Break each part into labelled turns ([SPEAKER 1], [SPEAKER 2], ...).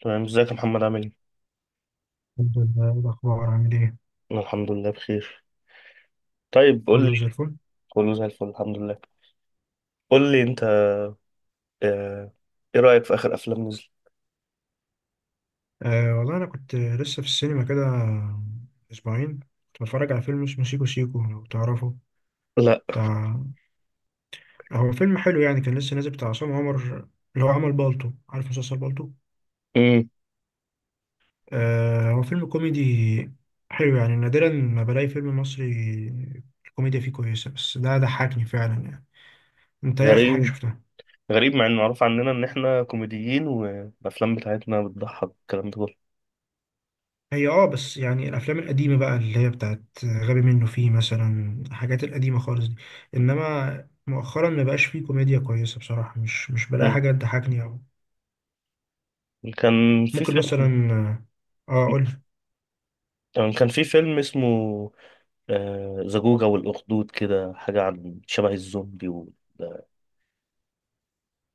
[SPEAKER 1] تمام، ازيك يا محمد عامل ايه؟
[SPEAKER 2] الحمد لله. إيه الأخبار؟ عامل إيه؟
[SPEAKER 1] انا الحمد لله بخير. طيب، قول لي.
[SPEAKER 2] كله زي الفل.
[SPEAKER 1] كله زي الفل، الحمد لله. قول لي انت. آه، ايه رأيك في اخر افلام نزل؟
[SPEAKER 2] آه والله أنا كنت لسه في السينما كده أسبوعين. كنت بتفرج على فيلم اسمه سيكو سيكو لو تعرفه.
[SPEAKER 1] لا.
[SPEAKER 2] بتاع هو فيلم حلو يعني، كان لسه نازل، بتاع عصام عمر، اللي هو عمل بالطو. عارف مسلسل بالطو؟
[SPEAKER 1] امم.
[SPEAKER 2] آه، هو فيلم كوميدي حلو يعني. نادرا ما بلاقي فيلم مصري الكوميديا فيه كويسة، بس ده ضحكني فعلا يعني. أنت إيه آخر حاجة
[SPEAKER 1] غريب.
[SPEAKER 2] شفتها؟
[SPEAKER 1] غريب مع انه معروف عننا ان احنا كوميديين والافلام بتاعتنا بتضحك، الكلام ده كله.
[SPEAKER 2] هي بس يعني الافلام القديمه بقى، اللي هي بتاعت غبي منه، فيه مثلا الحاجات القديمه خالص دي. انما مؤخرا ما بقاش فيه كوميديا كويسه بصراحه. مش بلاقي
[SPEAKER 1] مم.
[SPEAKER 2] حاجه تضحكني، او
[SPEAKER 1] كان في
[SPEAKER 2] ممكن مثلا
[SPEAKER 1] فيلم
[SPEAKER 2] اه اقول.
[SPEAKER 1] كان في فيلم اسمه زجوجة والأخدود، كده حاجة عن شبه الزومبي وال...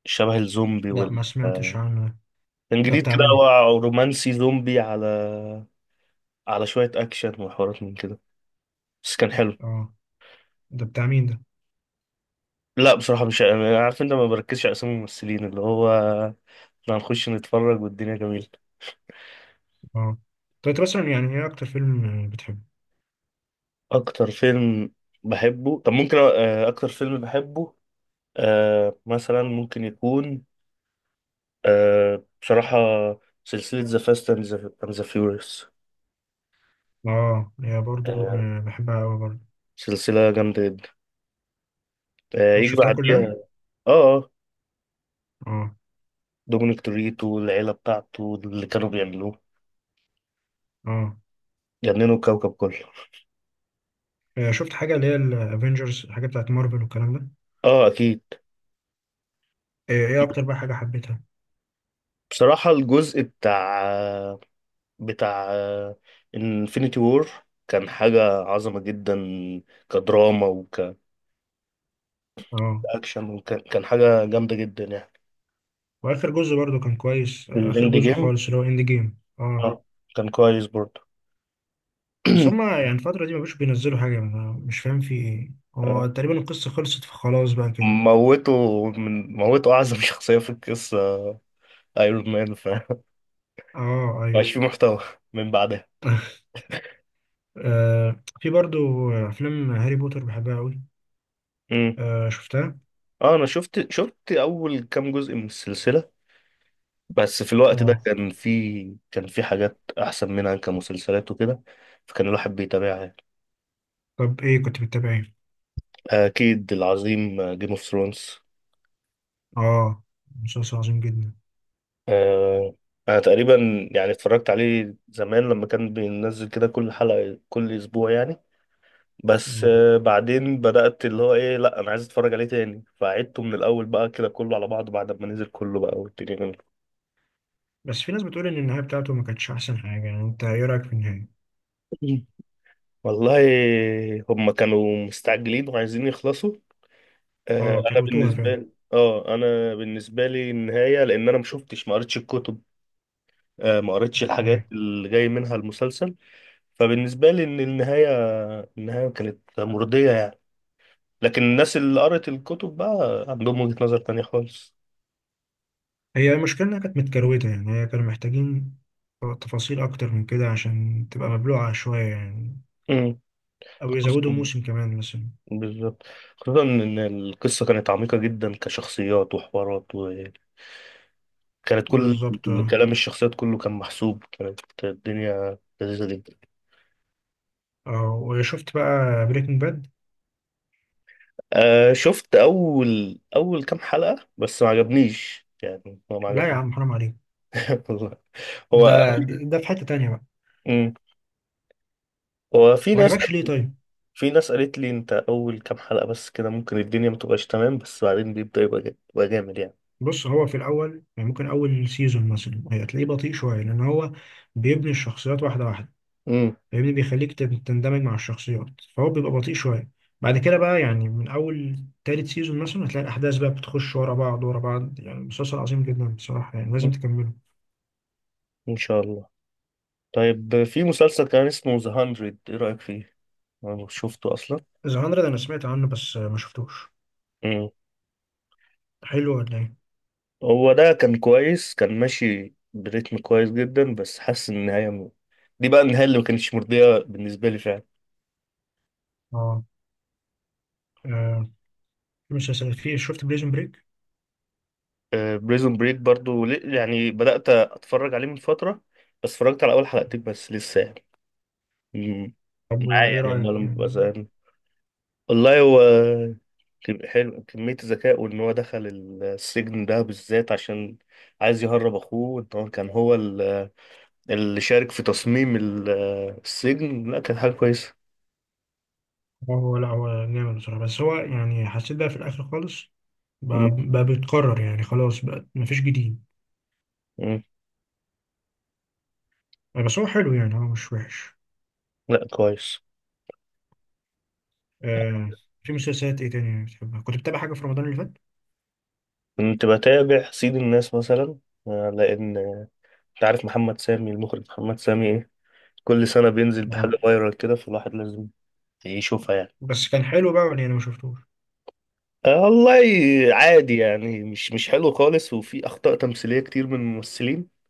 [SPEAKER 1] شبه الزومبي
[SPEAKER 2] لا
[SPEAKER 1] وال
[SPEAKER 2] ما سمعتش
[SPEAKER 1] آه،
[SPEAKER 2] عنه ده.
[SPEAKER 1] كان
[SPEAKER 2] ده
[SPEAKER 1] جديد
[SPEAKER 2] بتاع
[SPEAKER 1] كده.
[SPEAKER 2] مين؟
[SPEAKER 1] هو رومانسي زومبي، على شوية أكشن وحوارات من كده. بس كان حلو.
[SPEAKER 2] اه، ده بتاع مين ده؟
[SPEAKER 1] لا، بصراحة مش أنا عارف، انت ما بركزش على اسامي الممثلين اللي هو احنا هنخش نتفرج والدنيا جميلة.
[SPEAKER 2] اه، طب انت مثلا يعني ايه اكتر فيلم بتحبه؟
[SPEAKER 1] اكتر فيلم بحبه؟ طب، ممكن اكتر فيلم بحبه. مثلا ممكن يكون، بصراحة، سلسلة ذا فاست اند ذا فيوريوس.
[SPEAKER 2] اه، هي برضو بحبها قوي برضو.
[SPEAKER 1] سلسلة جامدة جدا.
[SPEAKER 2] انا
[SPEAKER 1] يجي
[SPEAKER 2] شفتها كلها.
[SPEAKER 1] بعديها. اه. اه.
[SPEAKER 2] اه.
[SPEAKER 1] دومينيك توريتو والعيلة بتاعته، اللي كانوا بيعملوه،
[SPEAKER 2] اه.
[SPEAKER 1] جننوا الكوكب كله.
[SPEAKER 2] شفت حاجه اللي هي الافينجرز، حاجه بتاعت مارفل والكلام ده.
[SPEAKER 1] اه، اكيد.
[SPEAKER 2] ايه اكتر بقى حاجه حبيتها؟
[SPEAKER 1] بصراحة الجزء بتاع بتاع انفينيتي وور كان حاجة عظمة جدا، كدراما
[SPEAKER 2] اه،
[SPEAKER 1] وكأكشن. وكان حاجة جامدة جدا يعني.
[SPEAKER 2] واخر جزء برضو كان كويس، اخر
[SPEAKER 1] الإند
[SPEAKER 2] جزء
[SPEAKER 1] جيم،
[SPEAKER 2] خالص اللي هو اند جيم. اه.
[SPEAKER 1] آه، كان كويس برضه.
[SPEAKER 2] بس هما يعني الفتره دي ما بقوش بينزلوا حاجه. أنا مش فاهم في ايه،
[SPEAKER 1] آه،
[SPEAKER 2] هو تقريبا القصه خلصت، فخلاص بقى كده.
[SPEAKER 1] موته. من موته أعظم شخصية في القصة، ايرون مان، فمبقاش
[SPEAKER 2] اه ايوه.
[SPEAKER 1] في محتوى من بعدها.
[SPEAKER 2] في برضو افلام هاري بوتر بحبها قوي.
[SPEAKER 1] مم.
[SPEAKER 2] شفتها.
[SPEAKER 1] اه، انا شفت اول كام جزء من السلسلة، بس في الوقت ده
[SPEAKER 2] اه،
[SPEAKER 1] كان في حاجات احسن منها كمسلسلات وكده. فكان الواحد بيتابعها.
[SPEAKER 2] طب ايه كنت بتتابع، ايه؟
[SPEAKER 1] أكيد العظيم، جيم اوف ثرونز.
[SPEAKER 2] اه، مسلسل عظيم جدا.
[SPEAKER 1] آه، أنا تقريبا يعني اتفرجت عليه زمان لما كان بينزل كده كل حلقة كل أسبوع يعني. بس
[SPEAKER 2] آه.
[SPEAKER 1] بعدين بدأت اللي هو إيه، لأ، أنا عايز أتفرج عليه تاني، فعدته من الأول بقى كده كله على بعضه بعد ما نزل كله بقى والدنيا جميلة.
[SPEAKER 2] بس في ناس بتقول ان النهايه بتاعته ما كانتش احسن حاجه يعني، انت ايه رايك في النهايه؟
[SPEAKER 1] والله، هما كانوا مستعجلين وعايزين يخلصوا.
[SPEAKER 2] اه،
[SPEAKER 1] أنا
[SPEAKER 2] كروتوها
[SPEAKER 1] بالنسبة
[SPEAKER 2] فعلا.
[SPEAKER 1] لي، أنا بالنسبة لي النهاية، لأن أنا مشوفتش، ما قريتش الكتب، ما قريتش
[SPEAKER 2] ايوه،
[SPEAKER 1] الحاجات اللي جاي منها المسلسل. فبالنسبة لي إن النهاية، النهاية كانت مرضية يعني. لكن الناس اللي قرأت الكتب بقى عندهم وجهة نظر تانية خالص.
[SPEAKER 2] هي المشكلة إنها كانت متكروتة يعني، هي كانوا محتاجين تفاصيل أكتر من كده عشان تبقى مبلوعة شوية يعني،
[SPEAKER 1] امم.
[SPEAKER 2] أو يزودوا
[SPEAKER 1] خصوصا،
[SPEAKER 2] موسم كمان مثلا.
[SPEAKER 1] بالظبط، خصوصا إن القصة كانت عميقة جدا، كشخصيات وحوارات. وكانت كل
[SPEAKER 2] بالظبط.
[SPEAKER 1] كلام الشخصيات كله كان محسوب، كانت الدنيا لذيذة جدا.
[SPEAKER 2] وشفت بقى بريكنج باد؟
[SPEAKER 1] آه، شفت أول كام حلقة بس، ما عجبنيش يعني، هو ما
[SPEAKER 2] لا يا
[SPEAKER 1] عجبنيش.
[SPEAKER 2] عم حرام عليك.
[SPEAKER 1] والله، هو.
[SPEAKER 2] ده ده في حتة تانية بقى.
[SPEAKER 1] مم. في
[SPEAKER 2] ما
[SPEAKER 1] ناس،
[SPEAKER 2] عجبكش ليه طيب؟
[SPEAKER 1] في ناس قالت لي انت اول كام حلقة بس كده ممكن الدنيا ما تبقاش تمام، بس بعدين بيبدأ يبقى يبقى جامد يعني.
[SPEAKER 2] بص، هو في الأول يعني ممكن أول سيزون مثلا هتلاقيه بطيء شوية، لأن هو بيبني الشخصيات واحدة واحدة،
[SPEAKER 1] امم.
[SPEAKER 2] فاهمني؟ بيخليك تندمج مع الشخصيات، فهو بيبقى بطيء شوية. بعد كده بقى، يعني من أول تالت سيزون مثلا هتلاقي الأحداث بقى بتخش ورا بعض ورا بعض، يعني مسلسل عظيم جدا بصراحة، يعني لازم تكمله.
[SPEAKER 1] ان شاء الله. طيب، في مسلسل كان اسمه ذا 100، ايه رأيك فيه؟ انا شفته اصلا.
[SPEAKER 2] ذا 100 أنا سمعت عنه، بس ما شفتوش.
[SPEAKER 1] امم.
[SPEAKER 2] حلو ولا إيه؟
[SPEAKER 1] هو ده كان كويس، كان ماشي بريتم كويس جدا، بس حاسس ان النهاية دي بقى النهاية اللي ما كانتش مرضية بالنسبة لي فعلا.
[SPEAKER 2] آه آه، في، شفت بريزن بريك؟
[SPEAKER 1] بريزون بريك برضو، يعني بدأت اتفرج عليه من فترة، بس اتفرجت على اول حلقتين بس لسه يعني. مم.
[SPEAKER 2] طب
[SPEAKER 1] معايا
[SPEAKER 2] وإيه
[SPEAKER 1] يعني
[SPEAKER 2] رأيك؟
[SPEAKER 1] لما ببقى
[SPEAKER 2] يعني
[SPEAKER 1] زهقان. والله، هو حلو كمية الذكاء، وإن هو دخل السجن ده بالذات عشان عايز يهرب أخوه، إن هو كان هو اللي شارك في تصميم السجن. لا، كانت حاجة كويسة.
[SPEAKER 2] هو، لا هو جامد بصراحة، بس هو يعني حسيت بقى في الآخر خالص
[SPEAKER 1] م-
[SPEAKER 2] بقى بيتكرر يعني، خلاص بقى مفيش جديد.
[SPEAKER 1] م.
[SPEAKER 2] بس هو حلو يعني، هو مش وحش.
[SPEAKER 1] لا، كويس.
[SPEAKER 2] آه في مسلسلات ايه تاني بتحبها؟ كنت بتابع حاجة في رمضان اللي فات؟
[SPEAKER 1] كنت بتابع سيد الناس مثلا. لأن أنت عارف محمد سامي المخرج، محمد سامي، إيه كل سنة بينزل
[SPEAKER 2] آه.
[SPEAKER 1] بحاجة فايرال كده، فالواحد لازم يشوفها يعني.
[SPEAKER 2] بس كان حلو بقى يعني، انا ما شفتوش.
[SPEAKER 1] والله، عادي يعني، مش حلو خالص، وفي أخطاء تمثيلية كتير من الممثلين.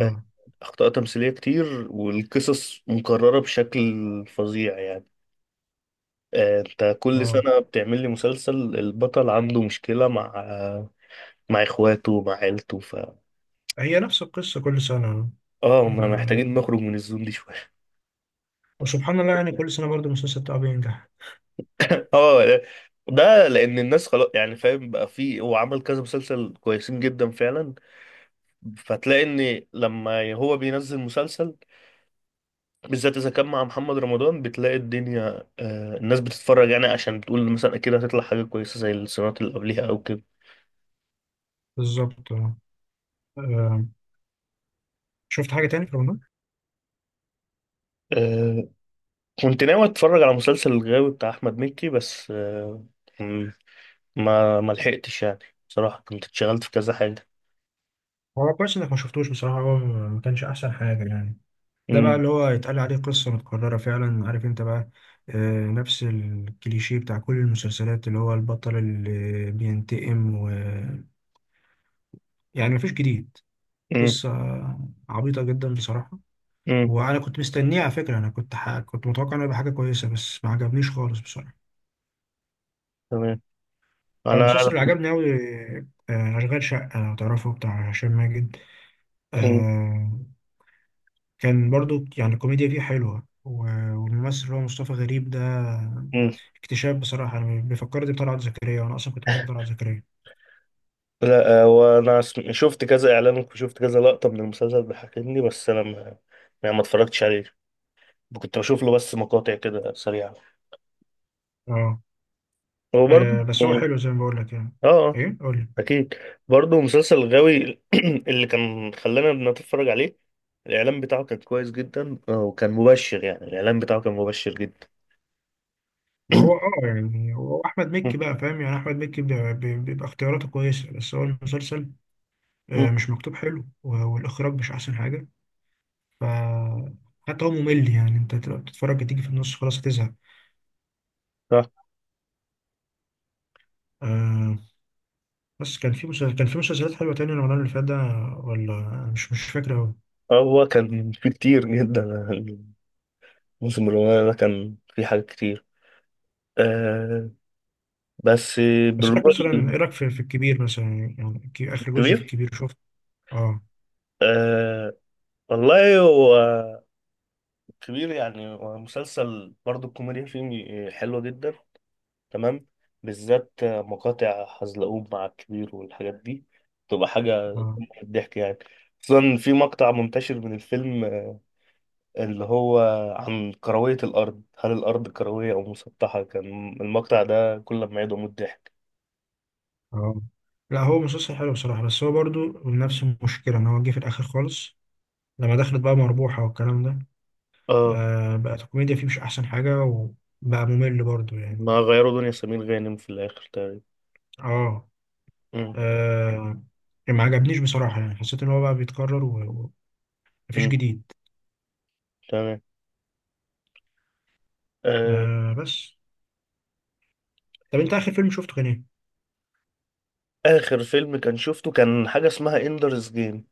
[SPEAKER 1] آه، أخطاء تمثيلية كتير، والقصص مكررة بشكل فظيع يعني. أنت كل
[SPEAKER 2] اه.
[SPEAKER 1] سنة بتعمل لي مسلسل، البطل عنده مشكلة مع، مع إخواته، مع عيلته، ف
[SPEAKER 2] هي نفس القصة كل سنة.
[SPEAKER 1] ما
[SPEAKER 2] آه.
[SPEAKER 1] محتاجين نخرج من الزون دي شوية.
[SPEAKER 2] وسبحان الله، يعني كل سنة برضو المسلسل بتاعه بينجح.
[SPEAKER 1] آه، ده لأن الناس خلاص يعني، فاهم بقى، فيه هو عمل كذا مسلسل كويسين جدا فعلا، فتلاقي إن لما هو بينزل مسلسل بالذات اذا كان مع محمد رمضان، بتلاقي الدنيا، آه، الناس بتتفرج يعني، عشان بتقول مثلا اكيد هتطلع حاجه كويسه زي السنوات اللي قبليها او كده.
[SPEAKER 2] بالظبط. آه. آه. شفت حاجة تاني في رمضان؟
[SPEAKER 1] آه، كنت ناوي اتفرج على مسلسل الغاوي بتاع احمد مكي، بس م- ما لحقتش يعني، بصراحه كنت اتشغلت في كذا حاجه.
[SPEAKER 2] هو كويس انك ما شفتوش بصراحة، هو ما كانش احسن حاجة يعني. ده بقى
[SPEAKER 1] امم.
[SPEAKER 2] اللي هو يتقال عليه قصة متكررة فعلا، عارف انت بقى، نفس الكليشيه بتاع كل المسلسلات، اللي هو البطل اللي بينتقم، و، يعني مفيش جديد.
[SPEAKER 1] امم.
[SPEAKER 2] قصة عبيطة جدا بصراحة.
[SPEAKER 1] امم.
[SPEAKER 2] وأنا كنت مستنيه على فكرة، كنت متوقع إنه يبقى حاجة كويسة، بس ما عجبنيش خالص بصراحة.
[SPEAKER 1] تمام.
[SPEAKER 2] أنا
[SPEAKER 1] انا.
[SPEAKER 2] المسلسل اللي عجبني أوي أشغال شقة لو تعرفه، بتاع هشام ماجد.
[SPEAKER 1] مم.
[SPEAKER 2] آه، كان برضو يعني الكوميديا فيه حلوة، والممثل اللي هو مصطفى غريب ده
[SPEAKER 1] مم.
[SPEAKER 2] اكتشاف بصراحة. أنا بيفكرني بطلعت زكريا، وأنا أصلا كنت بحب طلعت زكريا.
[SPEAKER 1] لا، وانا شفت كذا اعلان وشفت كذا لقطه من المسلسل بيحكيني، بس انا ما يعني ما اتفرجتش عليه، كنت بشوف له بس مقاطع كده سريعه.
[SPEAKER 2] أه
[SPEAKER 1] وبرضه
[SPEAKER 2] آه، بس هو حلو زي ما بقول لك يعني.
[SPEAKER 1] اه.
[SPEAKER 2] إيه قول لي.
[SPEAKER 1] اكيد. برضه مسلسل غاوي اللي كان خلانا نتفرج عليه، الاعلان بتاعه كان كويس جدا، وكان مبشر يعني، الاعلان بتاعه كان مبشر جدا.
[SPEAKER 2] ما هو يعني هو احمد مكي
[SPEAKER 1] مم.
[SPEAKER 2] بقى، فاهم؟ يعني احمد مكي بيبقى اختياراته كويسه، بس هو المسلسل
[SPEAKER 1] مم.
[SPEAKER 2] مش مكتوب حلو، والاخراج مش احسن حاجه. ف حتى هو ممل، يعني انت تبقى بتتفرج تيجي في النص خلاص هتزهق.
[SPEAKER 1] آه،
[SPEAKER 2] آه بس كان في مسلسلات حلوه تاني رمضان اللي فات ده، ولا أنا مش فاكر قوي.
[SPEAKER 1] هو كان في كتير جدا. الموسم الأولاني ده كان في حاجات كتير. آه. بس.
[SPEAKER 2] بس لك مثلا، ايه
[SPEAKER 1] بالرغم.
[SPEAKER 2] رايك في الكبير مثلا؟ يعني اخر جزء في
[SPEAKER 1] الكبير.
[SPEAKER 2] الكبير شفت؟ اه.
[SPEAKER 1] آه، والله هو كبير يعني، هو مسلسل برضه الكوميديا فيه حلوة جدا. تمام. بالذات مقاطع حزلقوم مع الكبير والحاجات دي، تبقى حاجة
[SPEAKER 2] اه.
[SPEAKER 1] قمة في الضحك يعني. خصوصا في مقطع منتشر من الفيلم، اللي هو عن كروية الأرض، هل الأرض كروية أو مسطحة، كان المقطع ده كل ما يدعو من الضحك.
[SPEAKER 2] اه. لا هو مسلسل حلو بصراحه، بس هو برضو نفس المشكله ان هو جه في الاخر خالص. لما دخلت بقى مربوحة والكلام ده،
[SPEAKER 1] اه.
[SPEAKER 2] بقت الكوميديا فيه مش أحسن حاجة، وبقى ممل برضو
[SPEAKER 1] ما
[SPEAKER 2] يعني.
[SPEAKER 1] غيروا دنيا سمير غانم في الآخر تقريبا.
[SPEAKER 2] آه,
[SPEAKER 1] مم.
[SPEAKER 2] آه ما عجبنيش بصراحة، يعني حسيت إن هو بقى بيتكرر، ومفيش
[SPEAKER 1] مم.
[SPEAKER 2] جديد.
[SPEAKER 1] تمام. آه.
[SPEAKER 2] بس، طب أنت آخر فيلم شفته كان إيه؟
[SPEAKER 1] آخر فيلم كان شفته، كان حاجة اسمها إندرز جيم.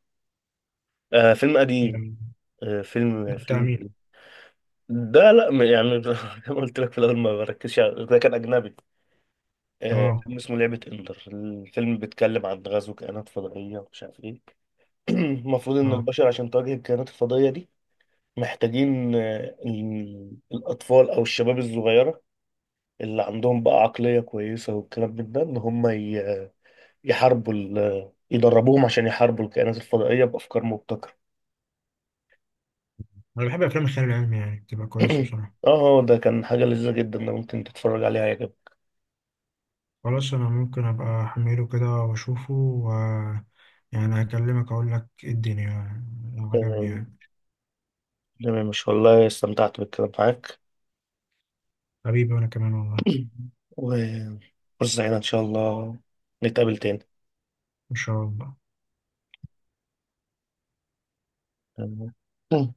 [SPEAKER 1] آه، فيلم قديم.
[SPEAKER 2] يعني
[SPEAKER 1] آه، فيلم
[SPEAKER 2] ده بتاع
[SPEAKER 1] فيلم.
[SPEAKER 2] مين؟
[SPEAKER 1] ده لا يعني زي ما قلت لك في الاول، ما بركزش على- ده كان اجنبي. آه، فيلم
[SPEAKER 2] آه
[SPEAKER 1] اسمه لعبه اندر، الفيلم بيتكلم عن غزو كائنات فضائيه ومش عارف ايه. المفروض ان
[SPEAKER 2] آه
[SPEAKER 1] البشر عشان تواجه الكائنات الفضائيه دي محتاجين آه الاطفال او الشباب الصغيره اللي عندهم بقى عقليه كويسه والكلام من ده، ان هم يحاربوا يدربوهم عشان يحاربوا الكائنات الفضائيه بافكار مبتكره.
[SPEAKER 2] أنا بحب أفلام الخيال العلمي، يعني بتبقى كويسة بصراحة.
[SPEAKER 1] اه، ده كان حاجه لذيذه جدا، ده ممكن تتفرج عليها يا
[SPEAKER 2] خلاص أنا ممكن أبقى أحمله كده وأشوفه، و يعني هكلمك أقول لك إيه الدنيا لو عجبني
[SPEAKER 1] جماعة.
[SPEAKER 2] يعني.
[SPEAKER 1] تمام، مش والله استمتعت بالكلام معاك.
[SPEAKER 2] حبيبي وأنا كمان والله.
[SPEAKER 1] وفرصة سعيدة إن شاء الله نتقابل تاني.
[SPEAKER 2] إن شاء الله.
[SPEAKER 1] تمام.